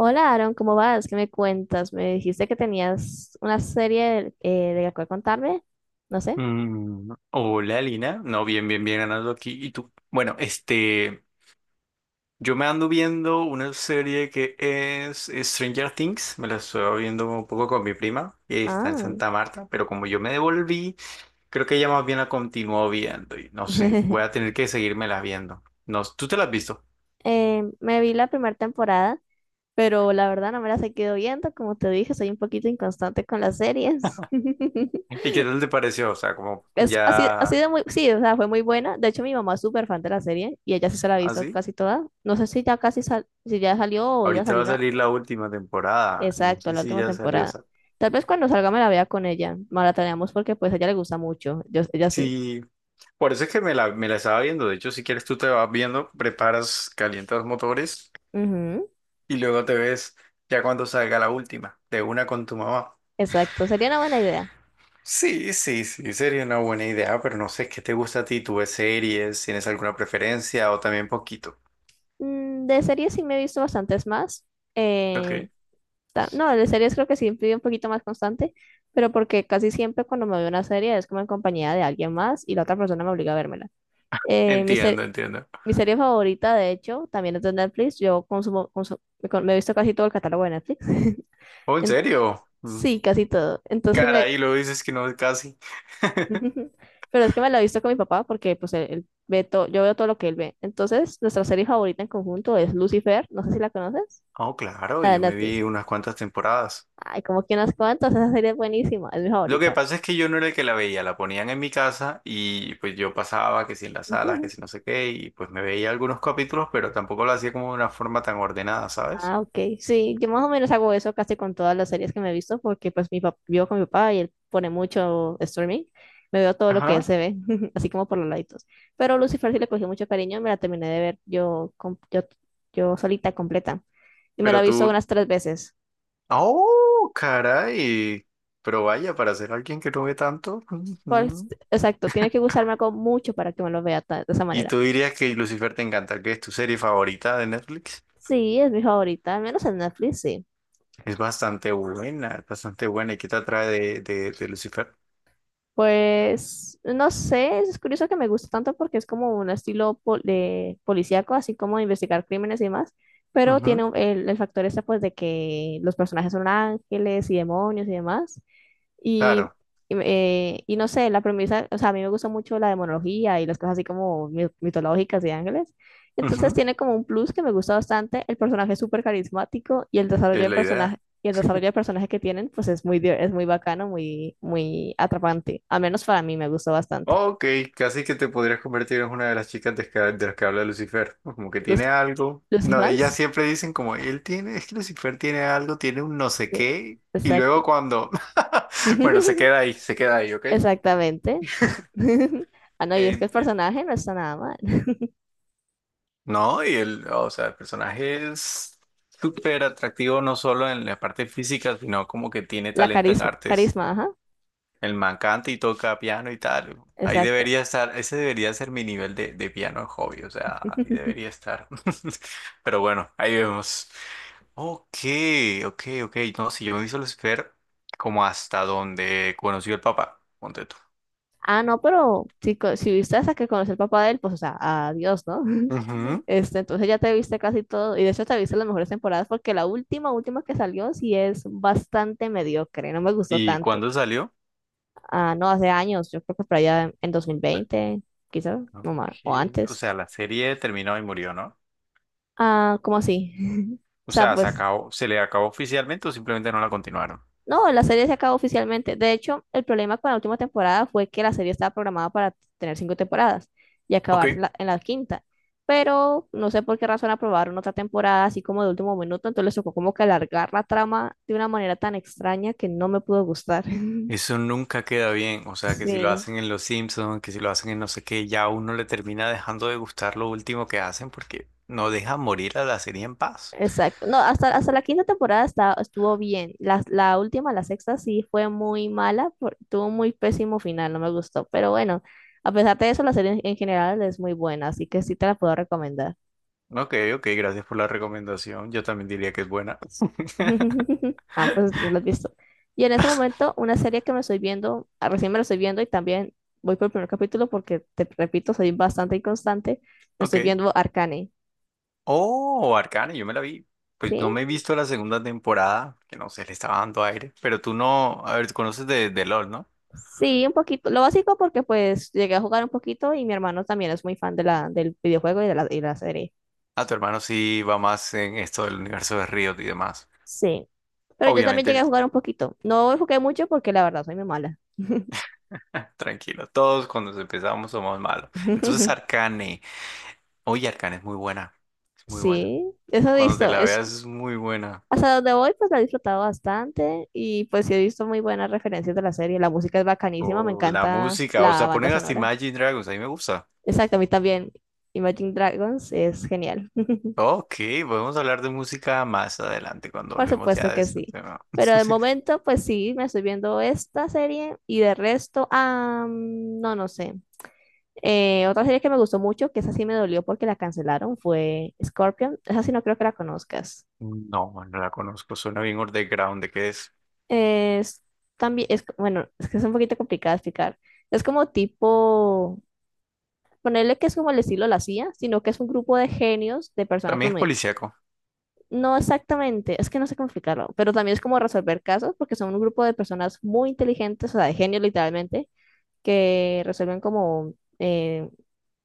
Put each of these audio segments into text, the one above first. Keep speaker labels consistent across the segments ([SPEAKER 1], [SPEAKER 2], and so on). [SPEAKER 1] Hola Aaron, ¿cómo vas? ¿Qué me cuentas? Me dijiste que tenías una serie de la cual contarme. No sé.
[SPEAKER 2] Hola Lina, no, bien, bien, bien ganando aquí. ¿Y tú? Bueno, este, yo me ando viendo una serie que es Stranger Things, me la estoy viendo un poco con mi prima, que está en
[SPEAKER 1] Ah.
[SPEAKER 2] Santa Marta, pero como yo me devolví, creo que ella más bien la continuó viendo y no sé, voy a tener que seguírmela viendo. No, ¿tú te la has visto?
[SPEAKER 1] Me vi la primera temporada, pero la verdad no me la he seguido viendo. Como te dije, soy un poquito inconstante con las series.
[SPEAKER 2] ¿Y qué tal te pareció? O sea, como
[SPEAKER 1] Es así, así
[SPEAKER 2] ya
[SPEAKER 1] de muy, sí, o sea, fue muy buena. De hecho, mi mamá es súper fan de la serie y ella sí se la ha visto
[SPEAKER 2] así.
[SPEAKER 1] casi toda. No sé si ya salió o iba a
[SPEAKER 2] Ahorita va
[SPEAKER 1] salir
[SPEAKER 2] a
[SPEAKER 1] una-
[SPEAKER 2] salir la última temporada, no
[SPEAKER 1] Exacto,
[SPEAKER 2] sé
[SPEAKER 1] la
[SPEAKER 2] si
[SPEAKER 1] última
[SPEAKER 2] ya salió
[SPEAKER 1] temporada.
[SPEAKER 2] esa.
[SPEAKER 1] Tal vez cuando salga me la vea con ella. Maratoneamos porque pues a ella le gusta mucho. Yo, ella sí.
[SPEAKER 2] Sí. Por eso es que me la estaba viendo. De hecho, si quieres, tú te vas viendo, preparas, calientas motores
[SPEAKER 1] Ujú.
[SPEAKER 2] y luego te ves ya cuando salga la última, de una con tu mamá.
[SPEAKER 1] Exacto, sería una buena idea.
[SPEAKER 2] Sí, sí, sí, sería una buena idea, pero no sé qué te gusta a ti. ¿Tú ves series? ¿Tienes alguna preferencia o también poquito?
[SPEAKER 1] De series sí me he visto bastantes más. Eh,
[SPEAKER 2] Ok,
[SPEAKER 1] no, de series creo que sí fui un poquito más constante, pero porque casi siempre cuando me veo una serie es como en compañía de alguien más y la otra persona me obliga a vérmela. Eh, mi,
[SPEAKER 2] entiendo,
[SPEAKER 1] se-
[SPEAKER 2] entiendo.
[SPEAKER 1] Mi serie favorita, de hecho, también es de Netflix. Yo consumo, consu- me, con- me he visto casi todo el catálogo de Netflix.
[SPEAKER 2] Oh, ¿en
[SPEAKER 1] En-
[SPEAKER 2] serio?
[SPEAKER 1] sí, casi todo. Entonces me.
[SPEAKER 2] Caray, lo dices que no es casi.
[SPEAKER 1] Pero es que me la he visto con mi papá porque pues él ve todo, yo veo todo lo que él ve. Entonces, nuestra serie favorita en conjunto es Lucifer. No sé si la conoces.
[SPEAKER 2] Oh, claro,
[SPEAKER 1] La de
[SPEAKER 2] yo me vi
[SPEAKER 1] Netflix.
[SPEAKER 2] unas cuantas temporadas.
[SPEAKER 1] Ay, como que unas cuantas. Esa serie es buenísima. Es mi
[SPEAKER 2] Lo que
[SPEAKER 1] favorita.
[SPEAKER 2] pasa es que yo no era el que la veía, la ponían en mi casa y pues yo pasaba que si en las salas, que si no sé qué, y pues me veía algunos capítulos, pero tampoco lo hacía como de una forma tan ordenada, ¿sabes?
[SPEAKER 1] Ah, ok. Sí, yo más o menos hago eso casi con todas las series que me he visto, porque pues mi papá, vivo con mi papá y él pone mucho streaming. Me veo todo lo que él
[SPEAKER 2] Ajá.
[SPEAKER 1] se ve, así como por los laditos. Pero Lucifer sí le cogí mucho cariño me la terminé de ver yo solita, completa. Y me la he
[SPEAKER 2] Pero
[SPEAKER 1] visto
[SPEAKER 2] tú...
[SPEAKER 1] unas tres veces.
[SPEAKER 2] ¡Oh, caray! Pero vaya, para ser alguien que no ve tanto...
[SPEAKER 1] Pues,
[SPEAKER 2] ujú.
[SPEAKER 1] exacto, tiene que gustarme algo mucho para que me lo vea de esa
[SPEAKER 2] Y
[SPEAKER 1] manera.
[SPEAKER 2] tú dirías que Lucifer te encanta, que es tu serie favorita de Netflix.
[SPEAKER 1] Sí, es mi favorita, al menos en Netflix, sí.
[SPEAKER 2] Es bastante buena, es bastante buena. ¿Y qué te atrae de Lucifer?
[SPEAKER 1] Pues no sé, es curioso que me gusta tanto porque es como un estilo de policíaco, así como de investigar crímenes y demás, pero tiene
[SPEAKER 2] Ujú.
[SPEAKER 1] el factor este pues de que los personajes son ángeles y demonios y demás. Y,
[SPEAKER 2] Claro.
[SPEAKER 1] y y no sé, la premisa, o sea, a mí me gusta mucho la demonología y las cosas así como mitológicas y ángeles. Entonces
[SPEAKER 2] Ujú.
[SPEAKER 1] tiene como un plus que me gusta bastante. El personaje es súper carismático
[SPEAKER 2] Es la idea.
[SPEAKER 1] y el desarrollo de personaje que tienen, pues es muy, bacano, muy, muy atrapante. Al menos para mí me gustó bastante.
[SPEAKER 2] Ok, casi que te podrías convertir en una de las chicas de las que habla Lucifer. ¿No? Como que
[SPEAKER 1] ¿Los,
[SPEAKER 2] tiene algo.
[SPEAKER 1] los
[SPEAKER 2] No, ellas
[SPEAKER 1] fans?
[SPEAKER 2] siempre dicen como, él tiene, es que Lucifer tiene algo, tiene un no sé
[SPEAKER 1] Sí,
[SPEAKER 2] qué. Y luego
[SPEAKER 1] exacto.
[SPEAKER 2] cuando, bueno, se queda ahí, ¿ok?
[SPEAKER 1] Exactamente. Ah, no, y es que el
[SPEAKER 2] Enti-
[SPEAKER 1] personaje no está nada mal.
[SPEAKER 2] No, y el, o sea, el personaje es súper atractivo no solo en la parte física, sino como que tiene
[SPEAKER 1] La
[SPEAKER 2] talento en
[SPEAKER 1] carisma,
[SPEAKER 2] artes.
[SPEAKER 1] carisma, ajá,
[SPEAKER 2] El man canta y toca piano y tal. Ahí
[SPEAKER 1] exacto.
[SPEAKER 2] debería estar, ese debería ser mi nivel de piano hobby, o sea, ahí debería estar. Pero bueno, ahí vemos. Ok, ok, ok. No, si yo me hice Lucifer como hasta donde conoció el papá, ponte tú.
[SPEAKER 1] Ah, no, pero si viste hasta que conocí al papá de él, pues, o sea, adiós, ¿no?
[SPEAKER 2] Ujú.
[SPEAKER 1] Este, entonces ya te viste casi todo, y de hecho te viste las mejores temporadas, porque la última, última que salió sí es bastante mediocre, no me gustó
[SPEAKER 2] ¿Y
[SPEAKER 1] tanto.
[SPEAKER 2] cuándo salió?
[SPEAKER 1] Ah, no, hace años, yo creo que por allá en dos mil
[SPEAKER 2] O sea,
[SPEAKER 1] veinte, quizás, no más, o
[SPEAKER 2] ok, o
[SPEAKER 1] antes.
[SPEAKER 2] sea, la serie terminó y murió, ¿no?
[SPEAKER 1] Ah, ¿cómo así? O
[SPEAKER 2] O
[SPEAKER 1] sea,
[SPEAKER 2] sea, se
[SPEAKER 1] pues
[SPEAKER 2] acabó, se le acabó oficialmente o simplemente no la continuaron.
[SPEAKER 1] no, la serie se acabó oficialmente. De hecho, el problema con la última temporada fue que la serie estaba programada para tener cinco temporadas y
[SPEAKER 2] Ok.
[SPEAKER 1] acabarse en la quinta. Pero no sé por qué razón aprobaron otra temporada así como de último minuto, entonces les tocó como que alargar la trama de una manera tan extraña que no me pudo gustar.
[SPEAKER 2] Eso nunca queda bien, o sea que si lo
[SPEAKER 1] Sí.
[SPEAKER 2] hacen en Los Simpsons, que si lo hacen en no sé qué, ya a uno le termina dejando de gustar lo último que hacen porque no deja morir a la serie en paz.
[SPEAKER 1] Exacto. No, hasta la quinta temporada estuvo bien. La última, la sexta, sí fue muy mala, tuvo un muy pésimo final, no me gustó. Pero bueno, a pesar de eso, la serie en general es muy buena, así que sí te la puedo recomendar.
[SPEAKER 2] Ok, ok, gracias por la recomendación, yo también diría que es buena.
[SPEAKER 1] Ah, pues lo has visto. Y en ese momento, una serie que me estoy viendo, recién me la estoy viendo y también voy por el primer capítulo porque, te repito, soy bastante inconstante, me
[SPEAKER 2] Ok.
[SPEAKER 1] estoy viendo Arcane,
[SPEAKER 2] Oh, Arcane, yo me la vi. Pues no
[SPEAKER 1] ¿sí?
[SPEAKER 2] me he visto la segunda temporada, que no sé, le estaba dando aire, pero tú no, a ver, tú conoces de LOL, ¿no?
[SPEAKER 1] Sí, un poquito. Lo básico porque pues llegué a jugar un poquito y mi hermano también es muy fan de la, y la serie.
[SPEAKER 2] A tu hermano sí va más en esto del universo de Riot y demás.
[SPEAKER 1] Sí. Pero yo también llegué
[SPEAKER 2] Obviamente
[SPEAKER 1] a jugar un poquito. No jugué mucho porque la verdad soy muy mala.
[SPEAKER 2] tranquilo, todos cuando empezamos somos malos. Entonces Arcane, oye Arcane es muy buena, es muy buena.
[SPEAKER 1] Sí, eso he
[SPEAKER 2] Cuando te
[SPEAKER 1] visto.
[SPEAKER 2] la veas es muy buena.
[SPEAKER 1] Hasta donde voy pues la he disfrutado bastante y pues sí he visto muy buenas referencias de la serie. La música es bacanísima, me
[SPEAKER 2] Oh, la
[SPEAKER 1] encanta
[SPEAKER 2] música, o
[SPEAKER 1] la
[SPEAKER 2] sea,
[SPEAKER 1] banda
[SPEAKER 2] ponen hasta
[SPEAKER 1] sonora.
[SPEAKER 2] Imagine Dragons, a mí me gusta.
[SPEAKER 1] Exacto, a mí también. Imagine Dragons es genial.
[SPEAKER 2] Ok, podemos hablar de música más adelante cuando
[SPEAKER 1] Por
[SPEAKER 2] hablemos
[SPEAKER 1] supuesto
[SPEAKER 2] ya de
[SPEAKER 1] que
[SPEAKER 2] este
[SPEAKER 1] sí.
[SPEAKER 2] tema.
[SPEAKER 1] Pero de momento, pues sí, me estoy viendo esta serie y de resto, no, no sé. Otra serie que me gustó mucho, que esa sí me dolió porque la cancelaron, fue Scorpion. Esa sí no creo que la conozcas.
[SPEAKER 2] No, no la conozco, suena bien underground, ¿de qué es?
[SPEAKER 1] Es también, bueno, es que es un poquito complicado de explicar. Es como tipo, ponerle que es como el estilo de la CIA, sino que es un grupo de genios, de personas
[SPEAKER 2] También
[SPEAKER 1] pues,
[SPEAKER 2] es policíaco. O
[SPEAKER 1] No exactamente, es que no sé cómo explicarlo, pero también es como resolver casos, porque son un grupo de personas muy inteligentes, o sea, de genios literalmente, que resuelven como eh,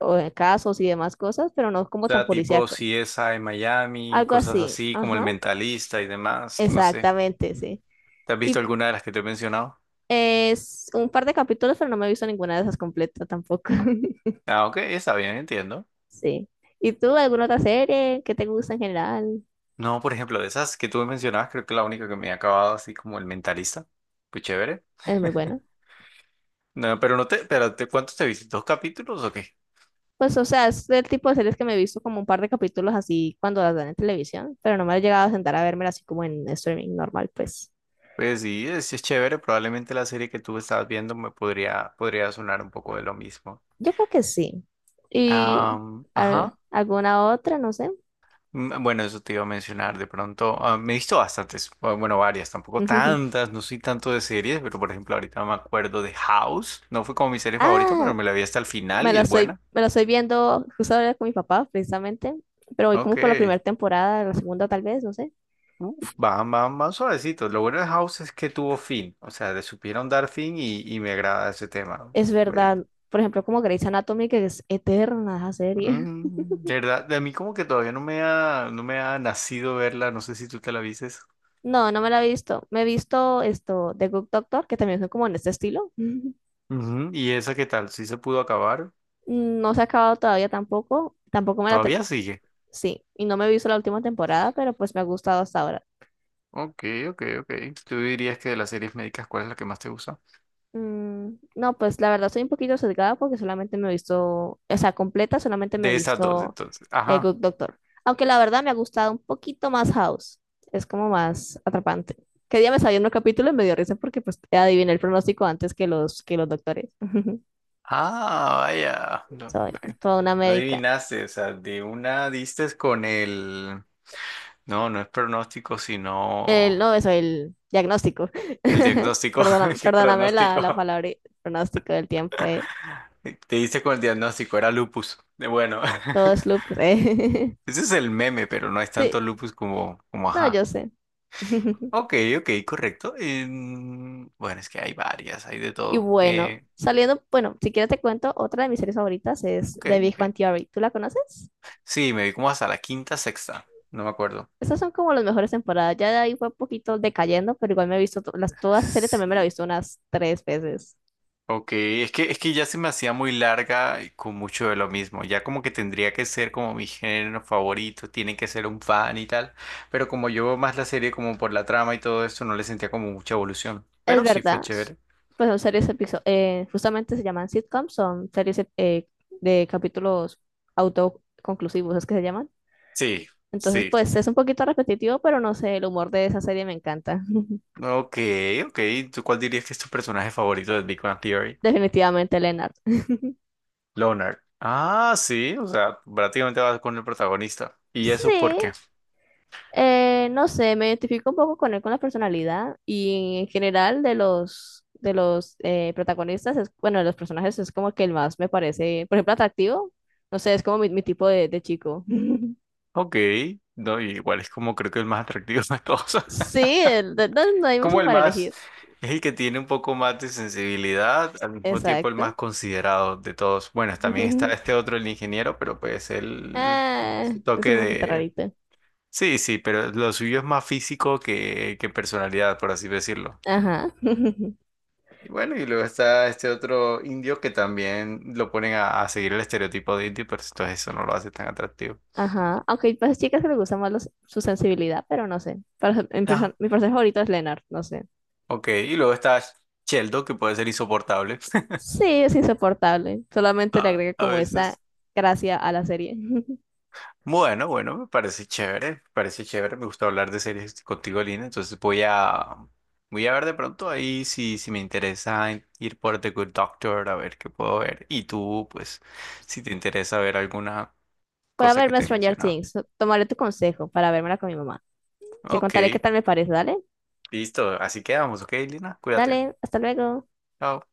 [SPEAKER 1] o- eh, casos y demás cosas, pero no como tan
[SPEAKER 2] sea, tipo
[SPEAKER 1] policíaco.
[SPEAKER 2] CSI Miami,
[SPEAKER 1] Algo
[SPEAKER 2] cosas
[SPEAKER 1] así,
[SPEAKER 2] así como El
[SPEAKER 1] ajá,
[SPEAKER 2] Mentalista y demás, no sé.
[SPEAKER 1] exactamente, sí.
[SPEAKER 2] ¿Te has visto
[SPEAKER 1] Y
[SPEAKER 2] alguna de las que te he mencionado?
[SPEAKER 1] es un par de capítulos, pero no me he visto ninguna de esas completa tampoco.
[SPEAKER 2] Ah, ok, está bien, entiendo.
[SPEAKER 1] Sí. ¿Y tú, alguna otra serie que te gusta en general?
[SPEAKER 2] No, por ejemplo, de esas que tú me mencionabas, creo que la única que me he acabado así como el mentalista. Pues chévere.
[SPEAKER 1] Es muy buena.
[SPEAKER 2] No, pero no te, pero te, ¿cuántos te viste? ¿Dos capítulos o qué?
[SPEAKER 1] Pues, o sea, es el tipo de series que me he visto como un par de capítulos así cuando las dan en televisión, pero no me he llegado a sentar a verme así como en streaming normal, pues.
[SPEAKER 2] Pues sí es chévere. Probablemente la serie que tú estabas viendo me podría sonar un poco de lo mismo.
[SPEAKER 1] Yo creo que sí. Y
[SPEAKER 2] Ajá.
[SPEAKER 1] alguna otra, no sé.
[SPEAKER 2] Bueno, eso te iba a mencionar de pronto. Me he visto bastantes, o bueno, varias, tampoco tantas, no soy tanto de series, pero por ejemplo ahorita me acuerdo de House. No fue como mi serie favorita,
[SPEAKER 1] Ah,
[SPEAKER 2] pero me la vi hasta el final
[SPEAKER 1] me
[SPEAKER 2] y
[SPEAKER 1] la
[SPEAKER 2] es
[SPEAKER 1] estoy,
[SPEAKER 2] buena.
[SPEAKER 1] me la estoy viendo justo ahora con mi papá, precisamente, pero voy
[SPEAKER 2] Ok.
[SPEAKER 1] como por la primera temporada, la segunda tal vez, no sé.
[SPEAKER 2] Uf, van, van, van suavecitos. Lo bueno de House es que tuvo fin. O sea, le supieron dar fin y me agrada ese tema.
[SPEAKER 1] Es
[SPEAKER 2] Pues,
[SPEAKER 1] verdad, por ejemplo, como Grey's Anatomy, que es eterna esa serie.
[SPEAKER 2] de verdad, de mí como que todavía no me ha nacido verla. No sé si tú te la vistes.
[SPEAKER 1] No, no me la he visto. Me he visto esto, The Good Doctor, que también son como en este estilo.
[SPEAKER 2] Ujú, ¿y esa qué tal? ¿Sí se pudo acabar?
[SPEAKER 1] No se ha acabado todavía tampoco. Tampoco me la ter-.
[SPEAKER 2] ¿Todavía sigue?
[SPEAKER 1] Sí, y no me he visto la última temporada, pero pues me ha gustado hasta ahora.
[SPEAKER 2] Ok, ok, ok. ¿Tú dirías que de las series médicas, cuál es la que más te gusta?
[SPEAKER 1] No, pues la verdad soy un poquito sesgada porque solamente me he visto, o sea, completa, solamente me he
[SPEAKER 2] De esas dos,
[SPEAKER 1] visto
[SPEAKER 2] entonces. Ajá.
[SPEAKER 1] Good Doctor. Aunque la verdad me ha gustado un poquito más House. Es como más atrapante. Que día me salió un capítulo y me dio risa porque pues adiviné el pronóstico antes que los doctores.
[SPEAKER 2] Ah, vaya. No,
[SPEAKER 1] Soy
[SPEAKER 2] no
[SPEAKER 1] toda una
[SPEAKER 2] no
[SPEAKER 1] médica.
[SPEAKER 2] adivinaste. O sea, de una diste con el... No, no es pronóstico,
[SPEAKER 1] El,
[SPEAKER 2] sino
[SPEAKER 1] no, eso, el diagnóstico.
[SPEAKER 2] el diagnóstico.
[SPEAKER 1] Perdóname,
[SPEAKER 2] ¿Qué
[SPEAKER 1] perdóname la,
[SPEAKER 2] pronóstico?
[SPEAKER 1] la palabra pronóstico del tiempo.
[SPEAKER 2] Te hice con el diagnóstico, era lupus. Bueno,
[SPEAKER 1] Todo es loop.
[SPEAKER 2] ese es el meme, pero no es tanto
[SPEAKER 1] Sí,
[SPEAKER 2] lupus como
[SPEAKER 1] no, yo
[SPEAKER 2] ajá.
[SPEAKER 1] sé.
[SPEAKER 2] Ok, ok, correcto. Bueno, es que hay varias, hay de
[SPEAKER 1] Y
[SPEAKER 2] todo.
[SPEAKER 1] bueno, saliendo, bueno, si quieres te cuento, otra de mis series favoritas es
[SPEAKER 2] Ok,
[SPEAKER 1] The Big Bang
[SPEAKER 2] ok.
[SPEAKER 1] Theory. ¿Tú la conoces?
[SPEAKER 2] Sí, me vi como hasta la quinta, sexta, no me acuerdo.
[SPEAKER 1] Esas son como las mejores temporadas. Ya de ahí fue un poquito decayendo, pero igual me he visto toda esa serie también me la he
[SPEAKER 2] Sí.
[SPEAKER 1] visto unas tres veces.
[SPEAKER 2] Ok, es que ya se me hacía muy larga y con mucho de lo mismo. Ya como que tendría que ser como mi género favorito, tiene que ser un fan y tal. Pero como yo veo más la serie como por la trama y todo esto, no le sentía como mucha evolución.
[SPEAKER 1] Es
[SPEAKER 2] Pero sí fue
[SPEAKER 1] verdad,
[SPEAKER 2] chévere.
[SPEAKER 1] pues son series justamente se llaman sitcoms, son series de capítulos autoconclusivos, es que se llaman.
[SPEAKER 2] Sí,
[SPEAKER 1] Entonces,
[SPEAKER 2] sí.
[SPEAKER 1] pues es un poquito repetitivo, pero no sé, el humor de esa serie me encanta.
[SPEAKER 2] Ok, ok. ¿Tú cuál dirías que es tu personaje favorito de Big Bang Theory?
[SPEAKER 1] Definitivamente, Leonard.
[SPEAKER 2] Leonard. Ah, sí, o sea, prácticamente vas con el protagonista. ¿Y
[SPEAKER 1] Sí,
[SPEAKER 2] eso por qué?
[SPEAKER 1] no sé, me identifico un poco con él, con la personalidad y en general de los protagonistas, bueno, de los personajes es como que el más me parece, por ejemplo, atractivo. No sé, es como mi tipo de chico.
[SPEAKER 2] Ok, no, igual es como creo que el más atractivo de todos.
[SPEAKER 1] Sí, no, no hay
[SPEAKER 2] Como
[SPEAKER 1] mucho
[SPEAKER 2] el
[SPEAKER 1] para
[SPEAKER 2] más,
[SPEAKER 1] elegir.
[SPEAKER 2] es el que tiene un poco más de sensibilidad, al mismo tiempo el más
[SPEAKER 1] Exacto.
[SPEAKER 2] considerado de todos. Bueno, también está este otro, el ingeniero, pero pues él tiene
[SPEAKER 1] Ah,
[SPEAKER 2] su
[SPEAKER 1] es
[SPEAKER 2] toque
[SPEAKER 1] un poquito
[SPEAKER 2] de...
[SPEAKER 1] rarito.
[SPEAKER 2] Sí, sí, pero lo suyo es más físico que personalidad, por así decirlo.
[SPEAKER 1] Ajá,
[SPEAKER 2] Y bueno, y luego está este otro indio que también lo ponen a seguir el estereotipo de indio, pero entonces eso no lo hace tan atractivo.
[SPEAKER 1] ajá. Aunque hay pues, chicas que les gusta más su sensibilidad, pero no sé.
[SPEAKER 2] Ah,
[SPEAKER 1] Mi personaje favorito es Leonard, no sé.
[SPEAKER 2] ok, y luego está Sheldon, que puede ser insoportable
[SPEAKER 1] Sí, es insoportable. Solamente le
[SPEAKER 2] a
[SPEAKER 1] agrega
[SPEAKER 2] a
[SPEAKER 1] como esa
[SPEAKER 2] veces.
[SPEAKER 1] gracia a la serie.
[SPEAKER 2] Bueno, bueno, me parece chévere, me parece chévere, me gusta hablar de series contigo, Lina, entonces voy a ver de pronto ahí si me interesa ir por The Good Doctor, a ver qué puedo ver, y tú, pues, si te interesa ver alguna
[SPEAKER 1] Voy a
[SPEAKER 2] cosa que
[SPEAKER 1] verme
[SPEAKER 2] te he
[SPEAKER 1] Stranger
[SPEAKER 2] mencionado.
[SPEAKER 1] Things. Tomaré tu consejo para vermela con mi mamá. Te
[SPEAKER 2] Ok,
[SPEAKER 1] contaré qué tal me parece, ¿dale?
[SPEAKER 2] listo, así quedamos, ok, Lina, cuídate.
[SPEAKER 1] Dale, hasta luego.
[SPEAKER 2] Chao.